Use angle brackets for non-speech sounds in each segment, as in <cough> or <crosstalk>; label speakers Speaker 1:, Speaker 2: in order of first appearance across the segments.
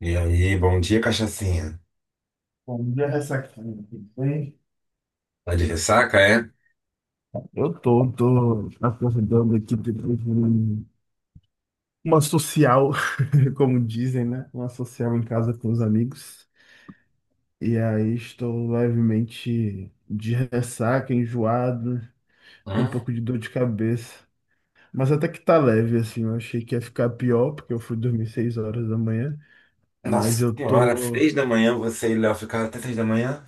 Speaker 1: E aí, bom dia, cachacinha.
Speaker 2: Bom dia, Ressacando. Tudo bem?
Speaker 1: Tá de ressaca, é?
Speaker 2: Eu tô, acordando aqui uma social, <laughs> como dizem, né? Uma social em casa com os amigos. E aí estou levemente de ressaca, enjoado, com um
Speaker 1: Hum?
Speaker 2: pouco de dor de cabeça. Mas até que tá leve, assim. Eu achei que ia ficar pior, porque eu fui dormir seis horas da manhã. Mas
Speaker 1: Nossa
Speaker 2: eu
Speaker 1: senhora,
Speaker 2: tô
Speaker 1: 3 da manhã, você e Léo ficaram até 3 da manhã?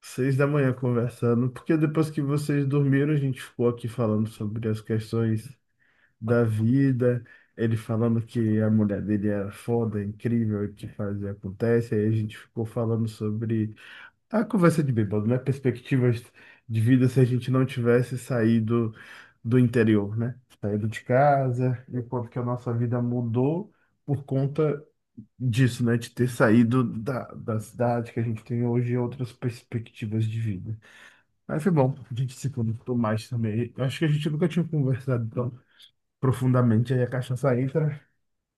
Speaker 2: seis da manhã conversando, porque depois que vocês dormiram, a gente ficou aqui falando sobre as questões da vida, ele falando que a mulher dele era foda, incrível, e que fazia acontece. Aí a gente ficou falando sobre a conversa de bêbado, né? Perspectivas de vida se a gente não tivesse saído do interior, né? Saído de casa, e o quanto que a nossa vida mudou por conta disso, né? De ter saído da cidade que a gente tem hoje e outras perspectivas de vida. Mas foi bom, a gente se conectou mais também. Eu acho que a gente nunca tinha conversado profundamente, aí a cachaça entra,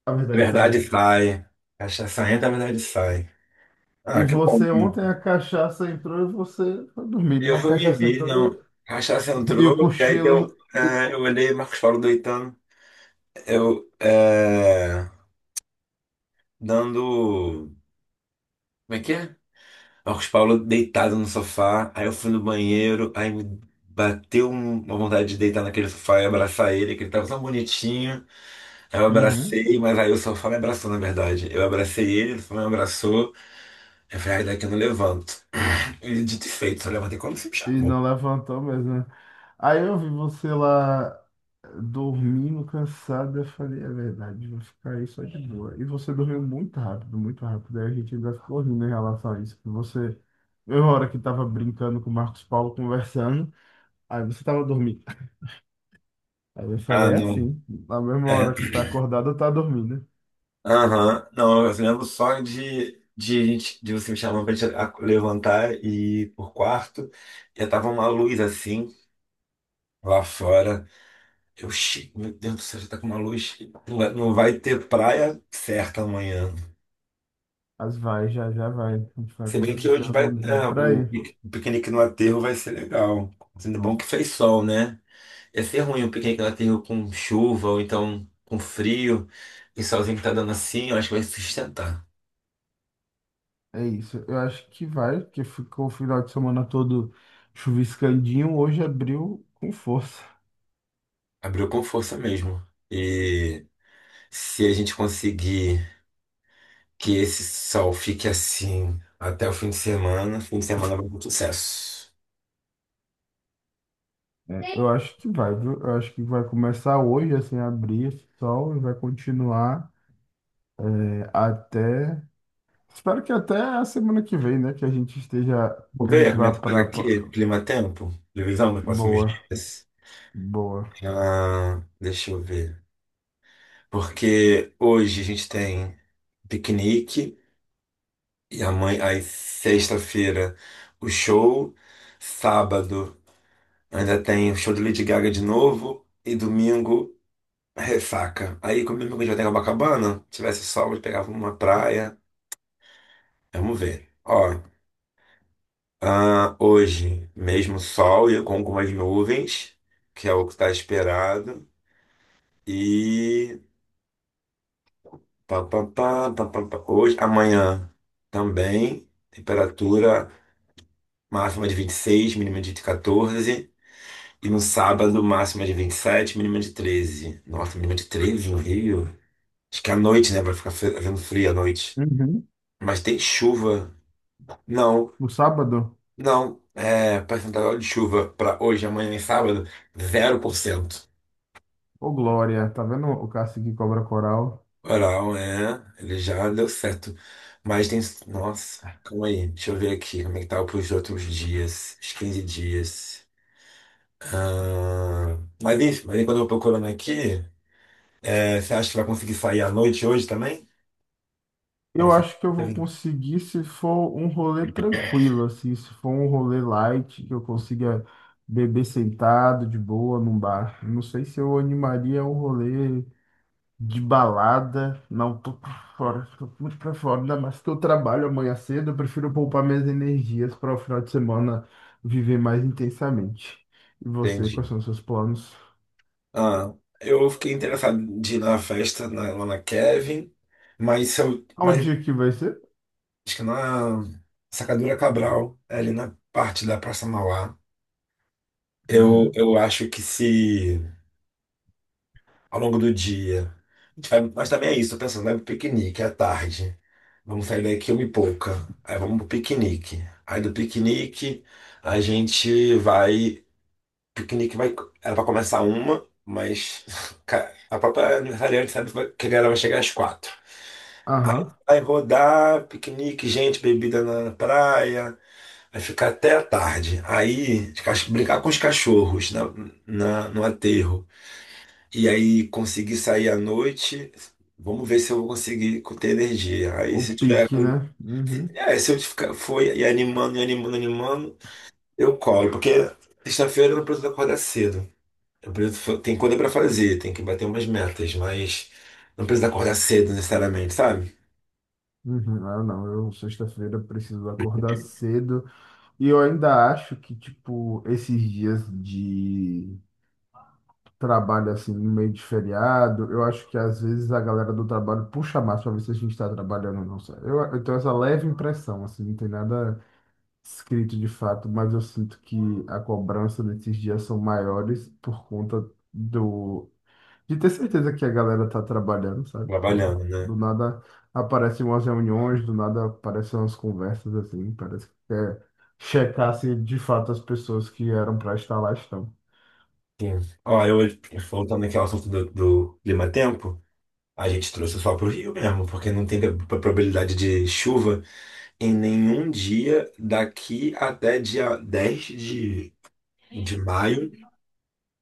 Speaker 2: a verdade
Speaker 1: Verdade
Speaker 2: sai.
Speaker 1: sai. Cachaça entra, verdade sai.
Speaker 2: E
Speaker 1: Ah, que bom.
Speaker 2: você
Speaker 1: E
Speaker 2: ontem a cachaça entrou e você foi dormir,
Speaker 1: eu
Speaker 2: né? A
Speaker 1: fui me
Speaker 2: cachaça
Speaker 1: ver,
Speaker 2: entrou e,
Speaker 1: não. Cachaça
Speaker 2: o- E
Speaker 1: entrou,
Speaker 2: o
Speaker 1: e aí eu,
Speaker 2: cochilo.
Speaker 1: é, eu olhei Marcos Paulo deitando. Eu, é, dando. Como é que é? Marcos Paulo deitado no sofá, aí eu fui no banheiro, aí me bateu uma vontade de deitar naquele sofá e abraçar ele, que ele tava tão bonitinho. Aí eu
Speaker 2: Uhum.
Speaker 1: abracei, mas aí o sofá me abraçou, na verdade. Eu abracei ele, ele me abraçou. Eu falei, ai, daqui eu não levanto. E dito e feito, só levantei quando você me
Speaker 2: E
Speaker 1: chamou.
Speaker 2: não levantou mesmo, né? Aí eu vi você lá dormindo, cansado, eu falei, é verdade, vou ficar aí só de boa. E você dormiu muito rápido, muito rápido. Aí a gente ainda ficou rindo em relação a isso. que Você, eu, na hora que tava brincando com o Marcos Paulo, conversando, aí você tava dormindo. Aí eu
Speaker 1: Ah,
Speaker 2: falei é
Speaker 1: não.
Speaker 2: assim, na mesma
Speaker 1: É.
Speaker 2: hora que tá acordado, tá dormindo. Né?"
Speaker 1: Aham. Não, eu lembro só de você me chamar pra gente levantar e ir pro quarto. E tava uma luz assim, lá fora. Eu, "Xi, meu Deus do céu, já tá com uma luz. Não vai, não vai ter praia certa amanhã."
Speaker 2: Mas vai, já vai. A gente vai
Speaker 1: Se bem que
Speaker 2: conseguir se
Speaker 1: hoje vai,
Speaker 2: organizar
Speaker 1: é,
Speaker 2: pra
Speaker 1: o
Speaker 2: ir.
Speaker 1: piquenique no aterro vai ser legal. Sendo bom que fez sol, né? Ia ser ruim um piquenique na terra com chuva ou então com frio. E solzinho que tá dando assim, eu acho que vai sustentar.
Speaker 2: É isso. Eu acho que vai, porque ficou o final de semana todo chuviscandinho. Hoje abriu com força.
Speaker 1: Abriu com força mesmo. E se a gente conseguir que esse sol fique assim até o fim de semana vai ser um sucesso.
Speaker 2: É, eu acho que vai, viu? Eu acho que vai começar hoje, assim, a abrir esse sol e vai continuar é, até. Espero que até a semana que vem, né? Que a gente esteja.
Speaker 1: Vou
Speaker 2: Que a
Speaker 1: ver
Speaker 2: gente
Speaker 1: como é
Speaker 2: vá
Speaker 1: que tá
Speaker 2: pra.
Speaker 1: aqui,
Speaker 2: Pra-
Speaker 1: clima-tempo, previsão dos próximos
Speaker 2: Boa,
Speaker 1: dias.
Speaker 2: boa.
Speaker 1: Ah, deixa eu ver. Porque hoje a gente tem piquenique. E a mãe, aí sexta-feira o show, sábado ainda tem o show de Lady Gaga de novo e domingo ressaca. Aí como domingo a gente vai ter Copacabana, se tivesse sol, a gente pegava uma praia. Vamos ver. Ó, ah, hoje mesmo sol e com algumas nuvens, que é o que está esperado. E pá, pá, pá, pá, pá, pá. Hoje, amanhã também, temperatura máxima de 26, mínima de 14. E no sábado, máxima de 27, mínima de 13. Nossa, mínima de 13 no Rio? Acho que é à noite, né? Vai ficar havendo frio à noite.
Speaker 2: Uhum.
Speaker 1: Mas tem chuva. Não,
Speaker 2: No sábado?
Speaker 1: não. É, percentual de chuva para hoje, amanhã e sábado, 0%.
Speaker 2: Ô, Glória, tá vendo o Cássio que cobra coral?
Speaker 1: Oral, é. Ele já deu certo. Mas tem. Nossa, calma aí. Deixa eu ver aqui como é que tá para os outros dias. Os 15 dias. Ah, mas, enfim, mas enquanto eu tô procurando aqui, é, você acha que vai conseguir sair à noite hoje também? Pra
Speaker 2: Eu
Speaker 1: festa.
Speaker 2: acho que eu vou conseguir se for um rolê tranquilo, assim, se for um rolê light, que eu consiga beber sentado, de boa, num bar. Não sei se eu animaria um rolê de balada. Não, tô por fora, tô muito pra fora, ainda mais que eu trabalho amanhã cedo, eu prefiro poupar minhas energias para o final de semana viver mais intensamente. E você,
Speaker 1: Entendi.
Speaker 2: quais são os seus planos?
Speaker 1: Ah, eu fiquei interessado de ir na festa lá na Kevin, mas, se eu, mas
Speaker 2: Onde que vai ser?
Speaker 1: acho que na Sacadura Cabral, é ali na parte da Praça Mauá,
Speaker 2: Uhum.
Speaker 1: eu acho que se ao longo do dia a gente mas também é isso, tô pensando, vai pro piquenique à tarde. Vamos sair daqui uma e pouca. Aí vamos pro piquenique. Aí do piquenique a gente vai. Piquenique vai, era pra começar uma, mas <laughs> cara, a própria aniversariante sabe que a galera vai chegar às quatro. Aí
Speaker 2: Aham.
Speaker 1: vai rodar, piquenique, gente, bebida na praia, vai ficar até a tarde. Aí os brincar com os cachorros na, no aterro. E aí conseguir sair à noite, vamos ver se eu vou conseguir ter energia. Aí
Speaker 2: O
Speaker 1: se eu tiver
Speaker 2: pique,
Speaker 1: com.
Speaker 2: né? Uhum,
Speaker 1: É, se eu ficar, for e animando, animando, eu colo, porque sexta-feira eu não preciso acordar cedo. Eu preciso tem coisa pra fazer, tem que bater umas metas, mas não precisa acordar cedo necessariamente, sabe?
Speaker 2: uhum. Ah, não, eu sexta-feira preciso acordar cedo e eu ainda acho que, tipo, esses dias de trabalho, assim, no meio de feriado, eu acho que às vezes a galera do trabalho puxa mais pra ver se a gente tá trabalhando ou não, sabe? Eu tenho essa leve impressão, assim, não tem nada escrito de fato, mas eu sinto que a cobrança desses dias são maiores por conta do de ter certeza que a galera tá trabalhando, sabe? Sei lá.
Speaker 1: Trabalhando, né?
Speaker 2: Do nada aparecem umas reuniões, do nada aparecem umas conversas assim. Parece que quer checar se de fato as pessoas que eram pra estar lá estão.
Speaker 1: Sim. Ó, eu voltando aqui ao assunto do, do clima-tempo, a gente trouxe só pro Rio mesmo, porque não tem probabilidade de chuva em nenhum dia daqui até dia 10 de maio.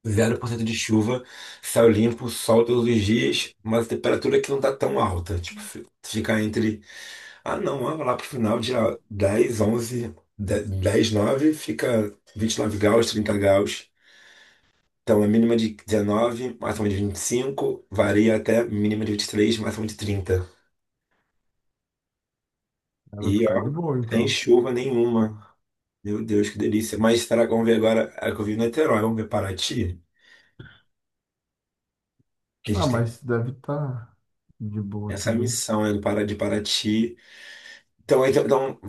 Speaker 1: 0% de chuva, céu limpo, sol todos os dias, mas temperatura que não tá tão alta. Tipo, fica entre, ah, não, ó, lá pro final, dia 10, 11, 10, 9, fica 29 graus, 30 graus. Então, a mínima de 19, máxima de 25, varia até mínima de 23, máxima de 30.
Speaker 2: Ela vai
Speaker 1: E
Speaker 2: ficar de
Speaker 1: ó,
Speaker 2: boa,
Speaker 1: sem
Speaker 2: então.
Speaker 1: chuva nenhuma. Meu Deus, que delícia. Mas será que vamos ver agora? É que eu vi em Niterói, vamos ver Paraty? Que a
Speaker 2: Ah,
Speaker 1: gente tem
Speaker 2: mas deve estar de boa
Speaker 1: essa
Speaker 2: também.
Speaker 1: missão, né, do de Paraty. Então, então, então,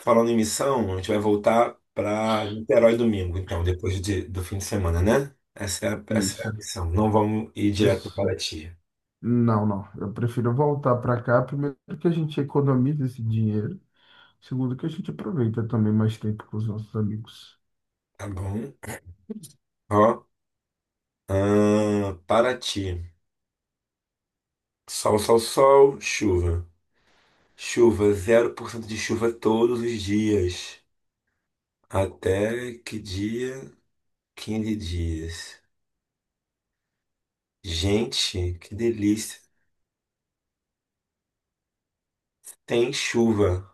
Speaker 1: falando em missão, a gente vai voltar para Niterói domingo, então, depois do fim de semana, né? Essa é
Speaker 2: Isso.
Speaker 1: a missão. Não vamos ir direto para
Speaker 2: Isso.
Speaker 1: Paraty.
Speaker 2: Não, não. Eu prefiro voltar para cá. Primeiro que a gente economiza esse dinheiro. Segundo que a gente aproveita também mais tempo com os nossos amigos.
Speaker 1: Tá bom? Ó, Paraty. Sol, sol, sol, chuva. Chuva, 0% de chuva todos os dias. Até que dia? 15 dias. Gente, que delícia. Tem chuva.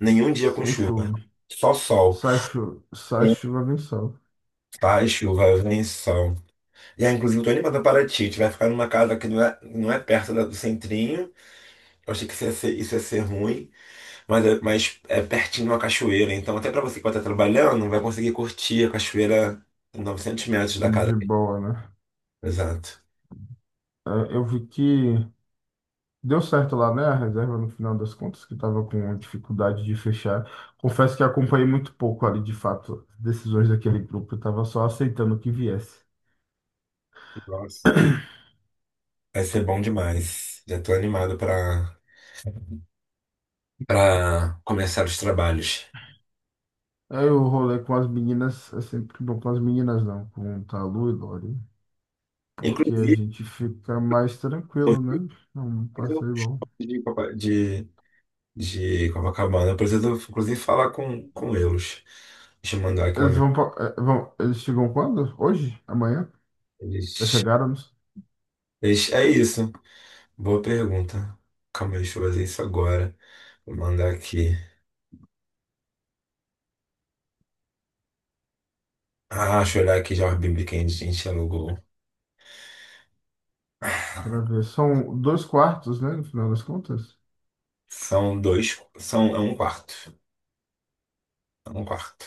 Speaker 1: Nenhum dia com
Speaker 2: Sem
Speaker 1: chuva.
Speaker 2: chuva.
Speaker 1: Só sol.
Speaker 2: Sai chuva, sai chuva, vem sol.
Speaker 1: Ai, chuva, vem sol. E aí, inclusive, eu tô animada para ti. A gente vai ficar numa casa que não é, não é perto do centrinho. Eu achei que isso ia ser ruim, mas é pertinho de uma cachoeira. Então, até para você que vai estar trabalhando, vai conseguir curtir a cachoeira a 900 metros da casa.
Speaker 2: De boa, né?
Speaker 1: Exato.
Speaker 2: É, eu vi que deu certo lá, né? A reserva, no final das contas, que estava com dificuldade de fechar. Confesso que acompanhei muito pouco ali, de fato, as decisões daquele grupo. Eu estava só aceitando que viesse.
Speaker 1: Nossa. Vai ser bom demais. Já tô animado para para começar os trabalhos.
Speaker 2: Aí eu rolei com as meninas, é sempre bom com as meninas, não, com Talu e Lori, porque a
Speaker 1: Inclusive,
Speaker 2: gente fica mais
Speaker 1: eu
Speaker 2: tranquilo, né? É um
Speaker 1: preciso
Speaker 2: passeio bom.
Speaker 1: de, de Copacabana, eu preciso, inclusive, falar com eles. Deixa eu mandar aqui uma.
Speaker 2: Eles vão, pa- eh, vão, eles chegam quando? Hoje? Amanhã? Já
Speaker 1: Ixi,
Speaker 2: chegaram?
Speaker 1: ixi, é isso. Boa pergunta. Calma aí, deixa eu fazer isso agora. Vou mandar aqui. Ah, deixa eu olhar aqui já a Bíblia que a gente alugou.
Speaker 2: Para ver. São dois quartos, né? No final das contas.
Speaker 1: São dois. São, é um quarto. É um quarto.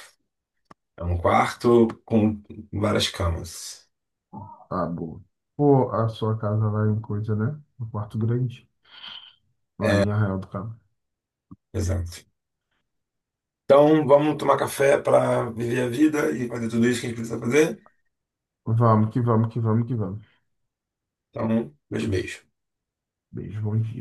Speaker 1: É um quarto com várias camas.
Speaker 2: Ah, boa. Pô, a sua casa lá em coisa, né? No quarto grande. Lá em Arraial do Cabo.
Speaker 1: Exato. Então, vamos tomar café para viver a vida e fazer tudo isso que a gente precisa fazer?
Speaker 2: Vamos que vamos.
Speaker 1: Então, meus beijos.
Speaker 2: Beijo, bom dia.